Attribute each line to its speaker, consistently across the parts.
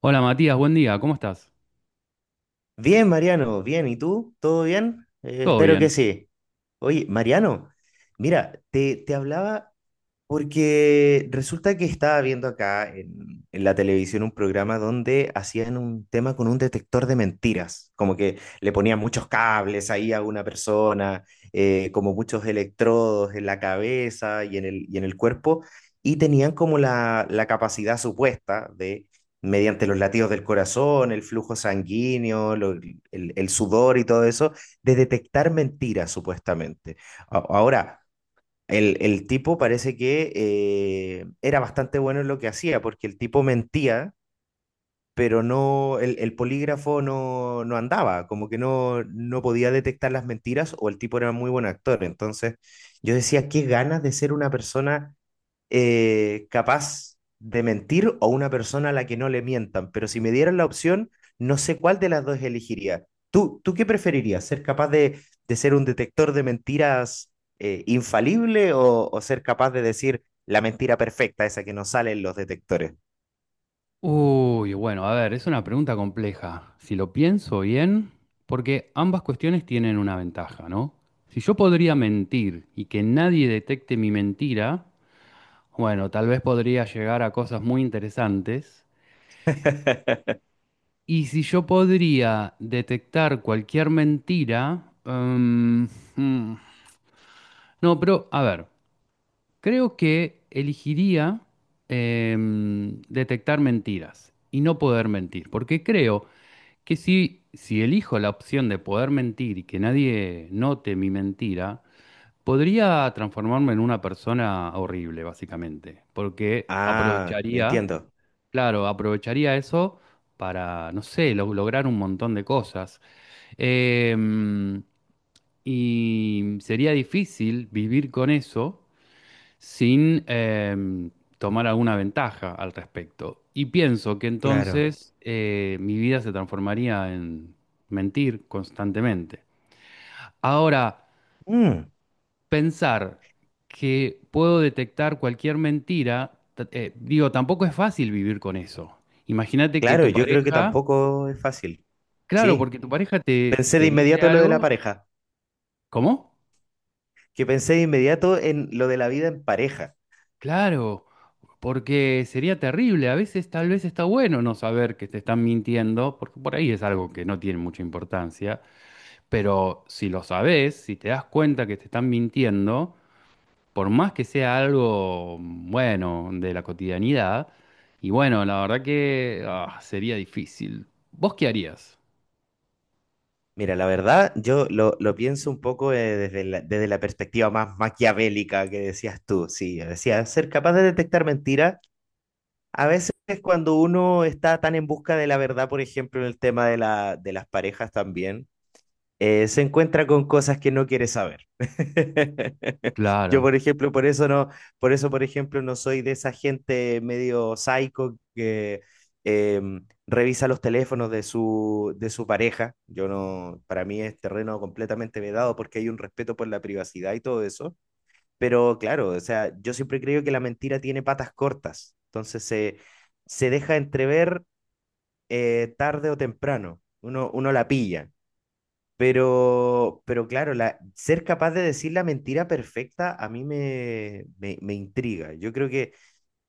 Speaker 1: Hola Matías, buen día, ¿cómo estás?
Speaker 2: Bien, Mariano, bien. ¿Y tú? ¿Todo bien?
Speaker 1: ¿Todo
Speaker 2: Espero que
Speaker 1: bien?
Speaker 2: sí. Oye, Mariano, mira, te hablaba porque resulta que estaba viendo acá en la televisión un programa donde hacían un tema con un detector de mentiras, como que le ponían muchos cables ahí a una persona, como muchos electrodos en la cabeza y y en el cuerpo, y tenían como la capacidad supuesta de, mediante los latidos del corazón, el flujo sanguíneo, el sudor y todo eso, de detectar mentiras supuestamente. Ahora, el tipo parece que era bastante bueno en lo que hacía, porque el tipo mentía, pero no, el polígrafo no, no andaba, como que no, no podía detectar las mentiras o el tipo era muy buen actor. Entonces yo decía, qué ganas de ser una persona capaz de mentir o una persona a la que no le mientan, pero si me dieran la opción, no sé cuál de las dos elegiría. ¿Tú qué preferirías? ¿Ser capaz de ser un detector de mentiras infalible o ser capaz de decir la mentira perfecta, esa que no sale en los detectores?
Speaker 1: Uy, bueno, a ver, es una pregunta compleja. Si lo pienso bien, porque ambas cuestiones tienen una ventaja, ¿no? Si yo podría mentir y que nadie detecte mi mentira, bueno, tal vez podría llegar a cosas muy interesantes. Y si yo podría detectar cualquier mentira, mm, no, pero a ver. Creo que elegiría detectar mentiras y no poder mentir, porque creo que si elijo la opción de poder mentir y que nadie note mi mentira, podría transformarme en una persona horrible, básicamente, porque
Speaker 2: Ah,
Speaker 1: aprovecharía,
Speaker 2: entiendo.
Speaker 1: claro, aprovecharía eso para, no sé, lograr un montón de cosas. Em, y sería difícil vivir con eso sin tomar alguna ventaja al respecto. Y pienso que
Speaker 2: Claro.
Speaker 1: entonces mi vida se transformaría en mentir constantemente. Ahora,
Speaker 2: Mm,
Speaker 1: pensar que puedo detectar cualquier mentira, digo, tampoco es fácil vivir con eso. Imagínate que
Speaker 2: claro,
Speaker 1: tu
Speaker 2: yo creo que
Speaker 1: pareja,
Speaker 2: tampoco es fácil.
Speaker 1: claro,
Speaker 2: Sí.
Speaker 1: porque tu pareja
Speaker 2: Pensé de
Speaker 1: te dice
Speaker 2: inmediato en lo de la
Speaker 1: algo,
Speaker 2: pareja,
Speaker 1: ¿cómo?
Speaker 2: que pensé de inmediato en lo de la vida en pareja.
Speaker 1: Claro, porque sería terrible. A veces tal vez está bueno no saber que te están mintiendo, porque por ahí es algo que no tiene mucha importancia, pero si lo sabes, si te das cuenta que te están mintiendo, por más que sea algo bueno de la cotidianidad, y bueno, la verdad que ah, sería difícil. ¿Vos qué harías?
Speaker 2: Mira, la verdad, yo lo pienso un poco desde la perspectiva más maquiavélica que decías tú. Sí, decía, ser capaz de detectar mentiras. A veces cuando uno está tan en busca de la verdad, por ejemplo, en el tema de la, de las parejas también, se encuentra con cosas que no quiere saber. Yo, por
Speaker 1: Claro,
Speaker 2: ejemplo, por eso no, por eso, por ejemplo, no soy de esa gente medio psycho que eh, revisa los teléfonos de su pareja. Yo no, para mí es terreno completamente vedado porque hay un respeto por la privacidad y todo eso. Pero claro, o sea, yo siempre creo que la mentira tiene patas cortas. Entonces se deja entrever tarde o temprano. Uno, uno la pilla. Pero claro, la, ser capaz de decir la mentira perfecta a mí me, me, me intriga. Yo creo que,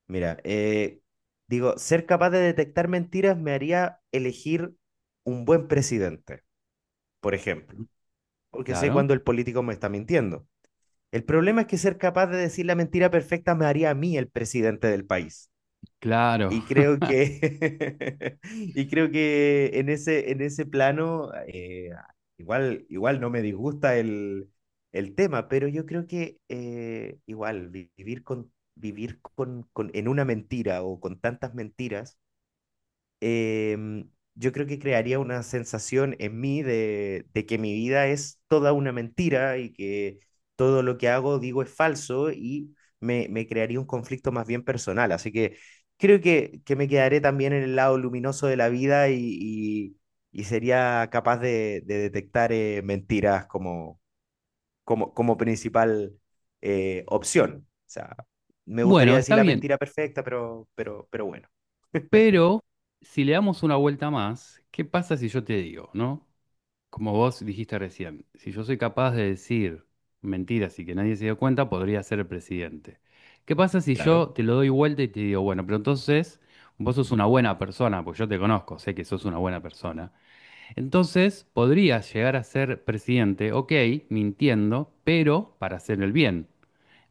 Speaker 2: mira, digo, ser capaz de detectar mentiras me haría elegir un buen presidente, por ejemplo, porque sé
Speaker 1: claro,
Speaker 2: cuando el político me está mintiendo. El problema es que ser capaz de decir la mentira perfecta me haría a mí el presidente del país.
Speaker 1: claro.
Speaker 2: Y creo que, y creo que en ese plano, igual, igual no me disgusta el tema, pero yo creo que igual vivir con, en una mentira o con tantas mentiras em, yo creo que crearía una sensación en mí de que mi vida es toda una mentira y que todo lo que hago, digo, es falso y me crearía un conflicto más bien personal. Así que creo que me quedaré también en el lado luminoso de la vida y, y- y sería capaz de detectar mentiras como, como, como principal opción. O sea, me
Speaker 1: Bueno,
Speaker 2: gustaría
Speaker 1: está
Speaker 2: decir la
Speaker 1: bien,
Speaker 2: mentira perfecta, pero bueno,
Speaker 1: pero si le damos una vuelta más, ¿qué pasa si yo te digo, no? Como vos dijiste recién, si yo soy capaz de decir mentiras y que nadie se dio cuenta, podría ser el presidente. ¿Qué pasa si yo
Speaker 2: claro,
Speaker 1: te lo doy vuelta y te digo, bueno, pero entonces vos sos una buena persona, pues yo te conozco, sé que sos una buena persona. Entonces podrías llegar a ser presidente, ok, mintiendo, pero para hacer el bien.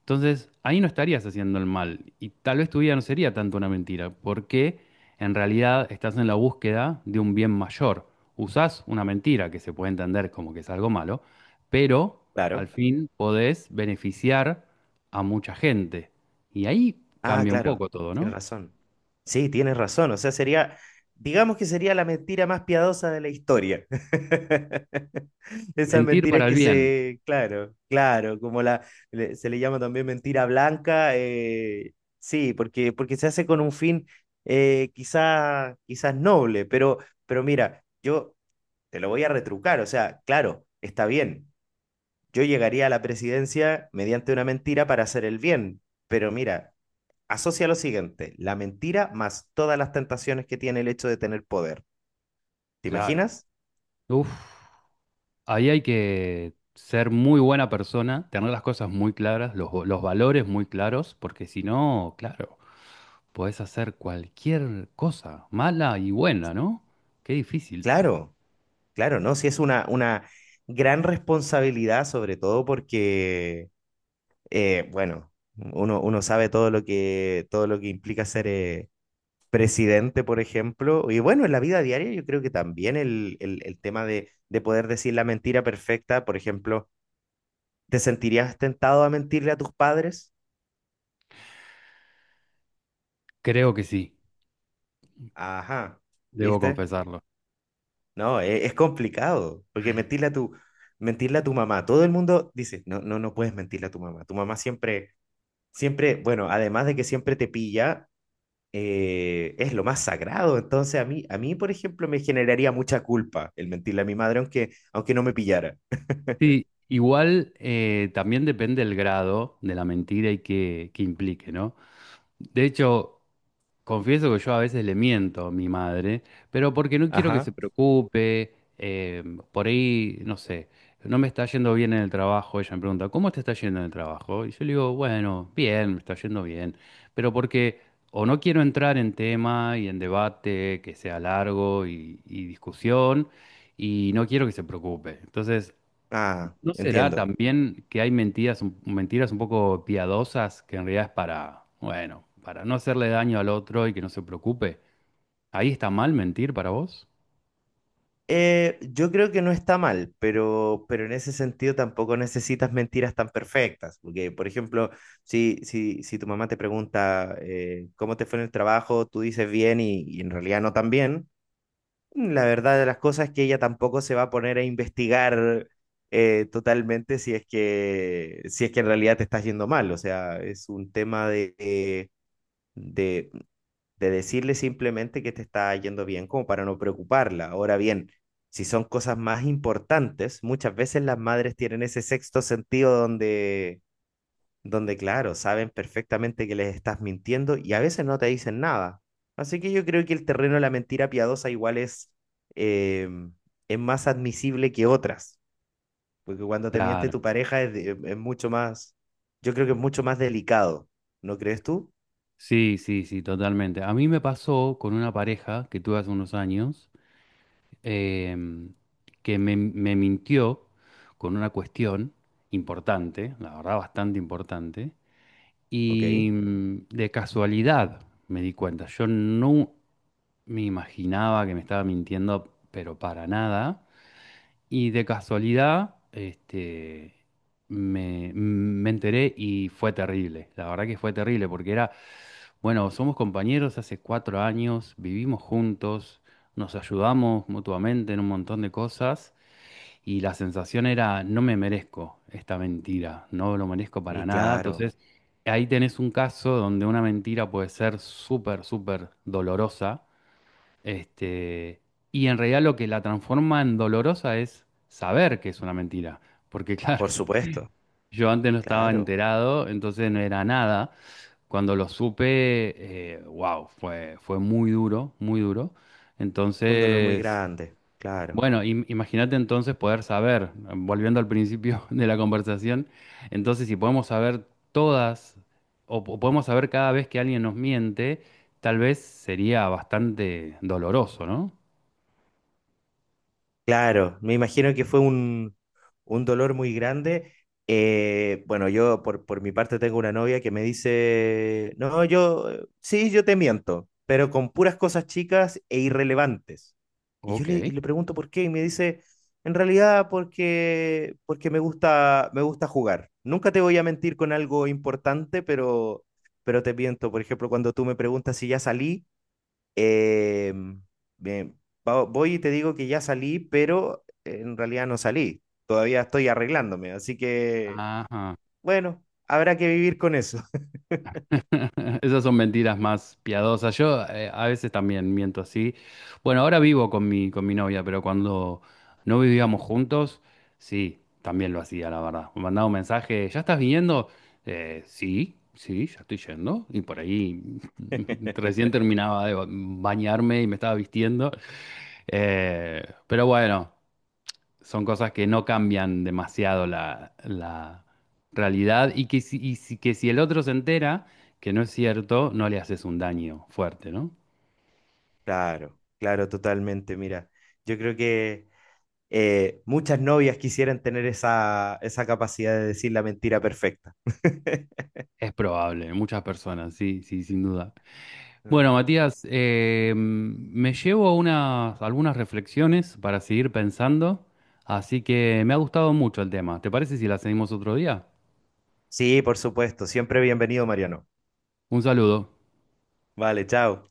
Speaker 1: Entonces, ahí no estarías haciendo el mal y tal vez tu vida no sería tanto una mentira, porque en realidad estás en la búsqueda de un bien mayor. Usás una mentira que se puede entender como que es algo malo, pero al
Speaker 2: claro.
Speaker 1: fin podés beneficiar a mucha gente. Y ahí
Speaker 2: Ah,
Speaker 1: cambia un
Speaker 2: claro,
Speaker 1: poco todo,
Speaker 2: tienes
Speaker 1: ¿no?
Speaker 2: razón. Sí, tienes razón. O sea, sería, digamos que sería la mentira más piadosa de la historia. Esas
Speaker 1: Mentir
Speaker 2: mentiras
Speaker 1: para el
Speaker 2: que
Speaker 1: bien,
Speaker 2: se, claro, claro, como la, se le llama también mentira blanca. Sí, porque, porque se hace con un fin quizá, quizás noble, pero mira, yo te lo voy a retrucar. O sea, claro, está bien. Yo llegaría a la presidencia mediante una mentira para hacer el bien, pero mira. Asocia lo siguiente, la mentira más todas las tentaciones que tiene el hecho de tener poder. ¿Te
Speaker 1: claro.
Speaker 2: imaginas?
Speaker 1: Uf, ahí hay que ser muy buena persona, tener las cosas muy claras, los valores muy claros, porque si no, claro. Podés hacer cualquier cosa, mala y buena, ¿no? Qué difícil.
Speaker 2: Claro, claro, ¿no? Si es una gran responsabilidad, sobre todo porque, bueno, uno, uno sabe todo lo que implica ser presidente, por ejemplo. Y bueno, en la vida diaria yo creo que también el tema de poder decir la mentira perfecta, por ejemplo, ¿te sentirías tentado a mentirle a tus padres?
Speaker 1: Creo que sí,
Speaker 2: Ajá,
Speaker 1: debo
Speaker 2: ¿viste?
Speaker 1: confesarlo.
Speaker 2: No, es, complicado, porque mentirle a tu mamá, todo el mundo dice, no, no, no puedes mentirle a tu mamá. Tu mamá siempre, siempre, bueno, además de que siempre te pilla, es lo más sagrado. Entonces a mí, por ejemplo, me generaría mucha culpa el mentirle a mi madre, aunque, aunque no me pillara.
Speaker 1: Sí, igual también depende el grado de la mentira y qué implique, ¿no? De hecho, confieso que yo a veces le miento a mi madre, pero porque no quiero que se
Speaker 2: Ajá.
Speaker 1: preocupe, por ahí, no sé, no me está yendo bien en el trabajo, ella me pregunta, ¿cómo te está yendo en el trabajo? Y yo le digo, bueno, bien, me está yendo bien, pero porque o no quiero entrar en tema y en debate que sea largo y discusión, y no quiero que se preocupe. Entonces,
Speaker 2: Ah,
Speaker 1: ¿no será
Speaker 2: entiendo.
Speaker 1: también que hay mentiras, mentiras un poco piadosas que en realidad es para, bueno, para no hacerle daño al otro y que no se preocupe? ¿Ahí está mal mentir para vos?
Speaker 2: Yo creo que no está mal, pero en ese sentido tampoco necesitas mentiras tan perfectas, porque por ejemplo, si, si, si tu mamá te pregunta cómo te fue en el trabajo, tú dices bien y en realidad no tan bien, la verdad de las cosas es que ella tampoco se va a poner a investigar totalmente si es que, si es que en realidad te estás yendo mal, o sea, es un tema de, de decirle simplemente que te está yendo bien como para no preocuparla. Ahora bien, si son cosas más importantes, muchas veces las madres tienen ese sexto sentido donde, donde claro, saben perfectamente que les estás mintiendo y a veces no te dicen nada. Así que yo creo que el terreno de la mentira piadosa igual eh, es más admisible que otras, porque cuando te miente
Speaker 1: Claro.
Speaker 2: tu pareja es, es mucho más, yo creo que es mucho más delicado, ¿no crees tú?
Speaker 1: Sí, sí, sí, totalmente. A mí me pasó con una pareja que tuve hace unos años em, que me mintió con una cuestión importante, la verdad bastante importante,
Speaker 2: Ok,
Speaker 1: y de casualidad me di cuenta. Yo no, me imaginaba que me estaba mintiendo, pero para nada. Y de casualidad, este, me enteré y fue terrible. La verdad que fue terrible porque era, bueno, somos compañeros hace cuatro años, vivimos juntos, nos ayudamos mutuamente en un montón de cosas y la sensación era, no me merezco esta mentira, no lo merezco
Speaker 2: y
Speaker 1: para nada.
Speaker 2: claro,
Speaker 1: Entonces, ahí tenés un caso donde una mentira puede ser súper, súper dolorosa este, y en realidad lo que la transforma en dolorosa es saber que es una mentira. Porque claro,
Speaker 2: por supuesto.
Speaker 1: yo antes no estaba
Speaker 2: Claro,
Speaker 1: enterado, entonces no era nada. Cuando lo supe, wow, fue, fue muy duro, muy duro.
Speaker 2: fue un dolor muy
Speaker 1: Entonces,
Speaker 2: grande, claro,
Speaker 1: bueno, imagínate entonces poder saber, volviendo al principio de la conversación, entonces si podemos saber todas, o podemos saber cada vez que alguien nos miente, tal vez sería bastante doloroso, ¿no?
Speaker 2: claro, me imagino que fue un dolor muy grande. Bueno, yo por mi parte tengo una novia que me dice, no, yo, sí, yo te miento, pero con puras cosas chicas e irrelevantes. Y yo le, y
Speaker 1: Ok.
Speaker 2: le pregunto por qué y me dice, en realidad porque, porque me gusta jugar. Nunca te voy a mentir con algo importante, pero te miento. Por ejemplo, cuando tú me preguntas si ya salí. Eh, Bien, voy y te digo que ya salí, pero en realidad no salí. Todavía estoy arreglándome, así que,
Speaker 1: Ajá.
Speaker 2: bueno, habrá que vivir con eso.
Speaker 1: Esas son mentiras más piadosas. Yo a veces también miento así. Bueno, ahora vivo con con mi novia, pero cuando no vivíamos juntos, sí, también lo hacía, la verdad. Me mandaba un mensaje, ¿ya estás viniendo? Sí, sí, ya estoy yendo. Y por ahí recién terminaba de bañarme y me estaba vistiendo. Eh, pero bueno, son cosas que no cambian demasiado la realidad y que que si el otro se entera que no es cierto, no le haces un daño fuerte, ¿no?
Speaker 2: Claro, claro, totalmente. Mira, yo creo que muchas novias quisieran tener esa, esa capacidad de decir la mentira perfecta.
Speaker 1: Es probable, muchas personas, sí, sí, sin duda. Bueno, Matías, me llevo unas, algunas reflexiones para seguir pensando, así que me ha gustado mucho el tema. ¿Te parece si la seguimos otro día?
Speaker 2: Sí, por supuesto. Siempre bienvenido, Mariano.
Speaker 1: Un saludo.
Speaker 2: Vale, chao.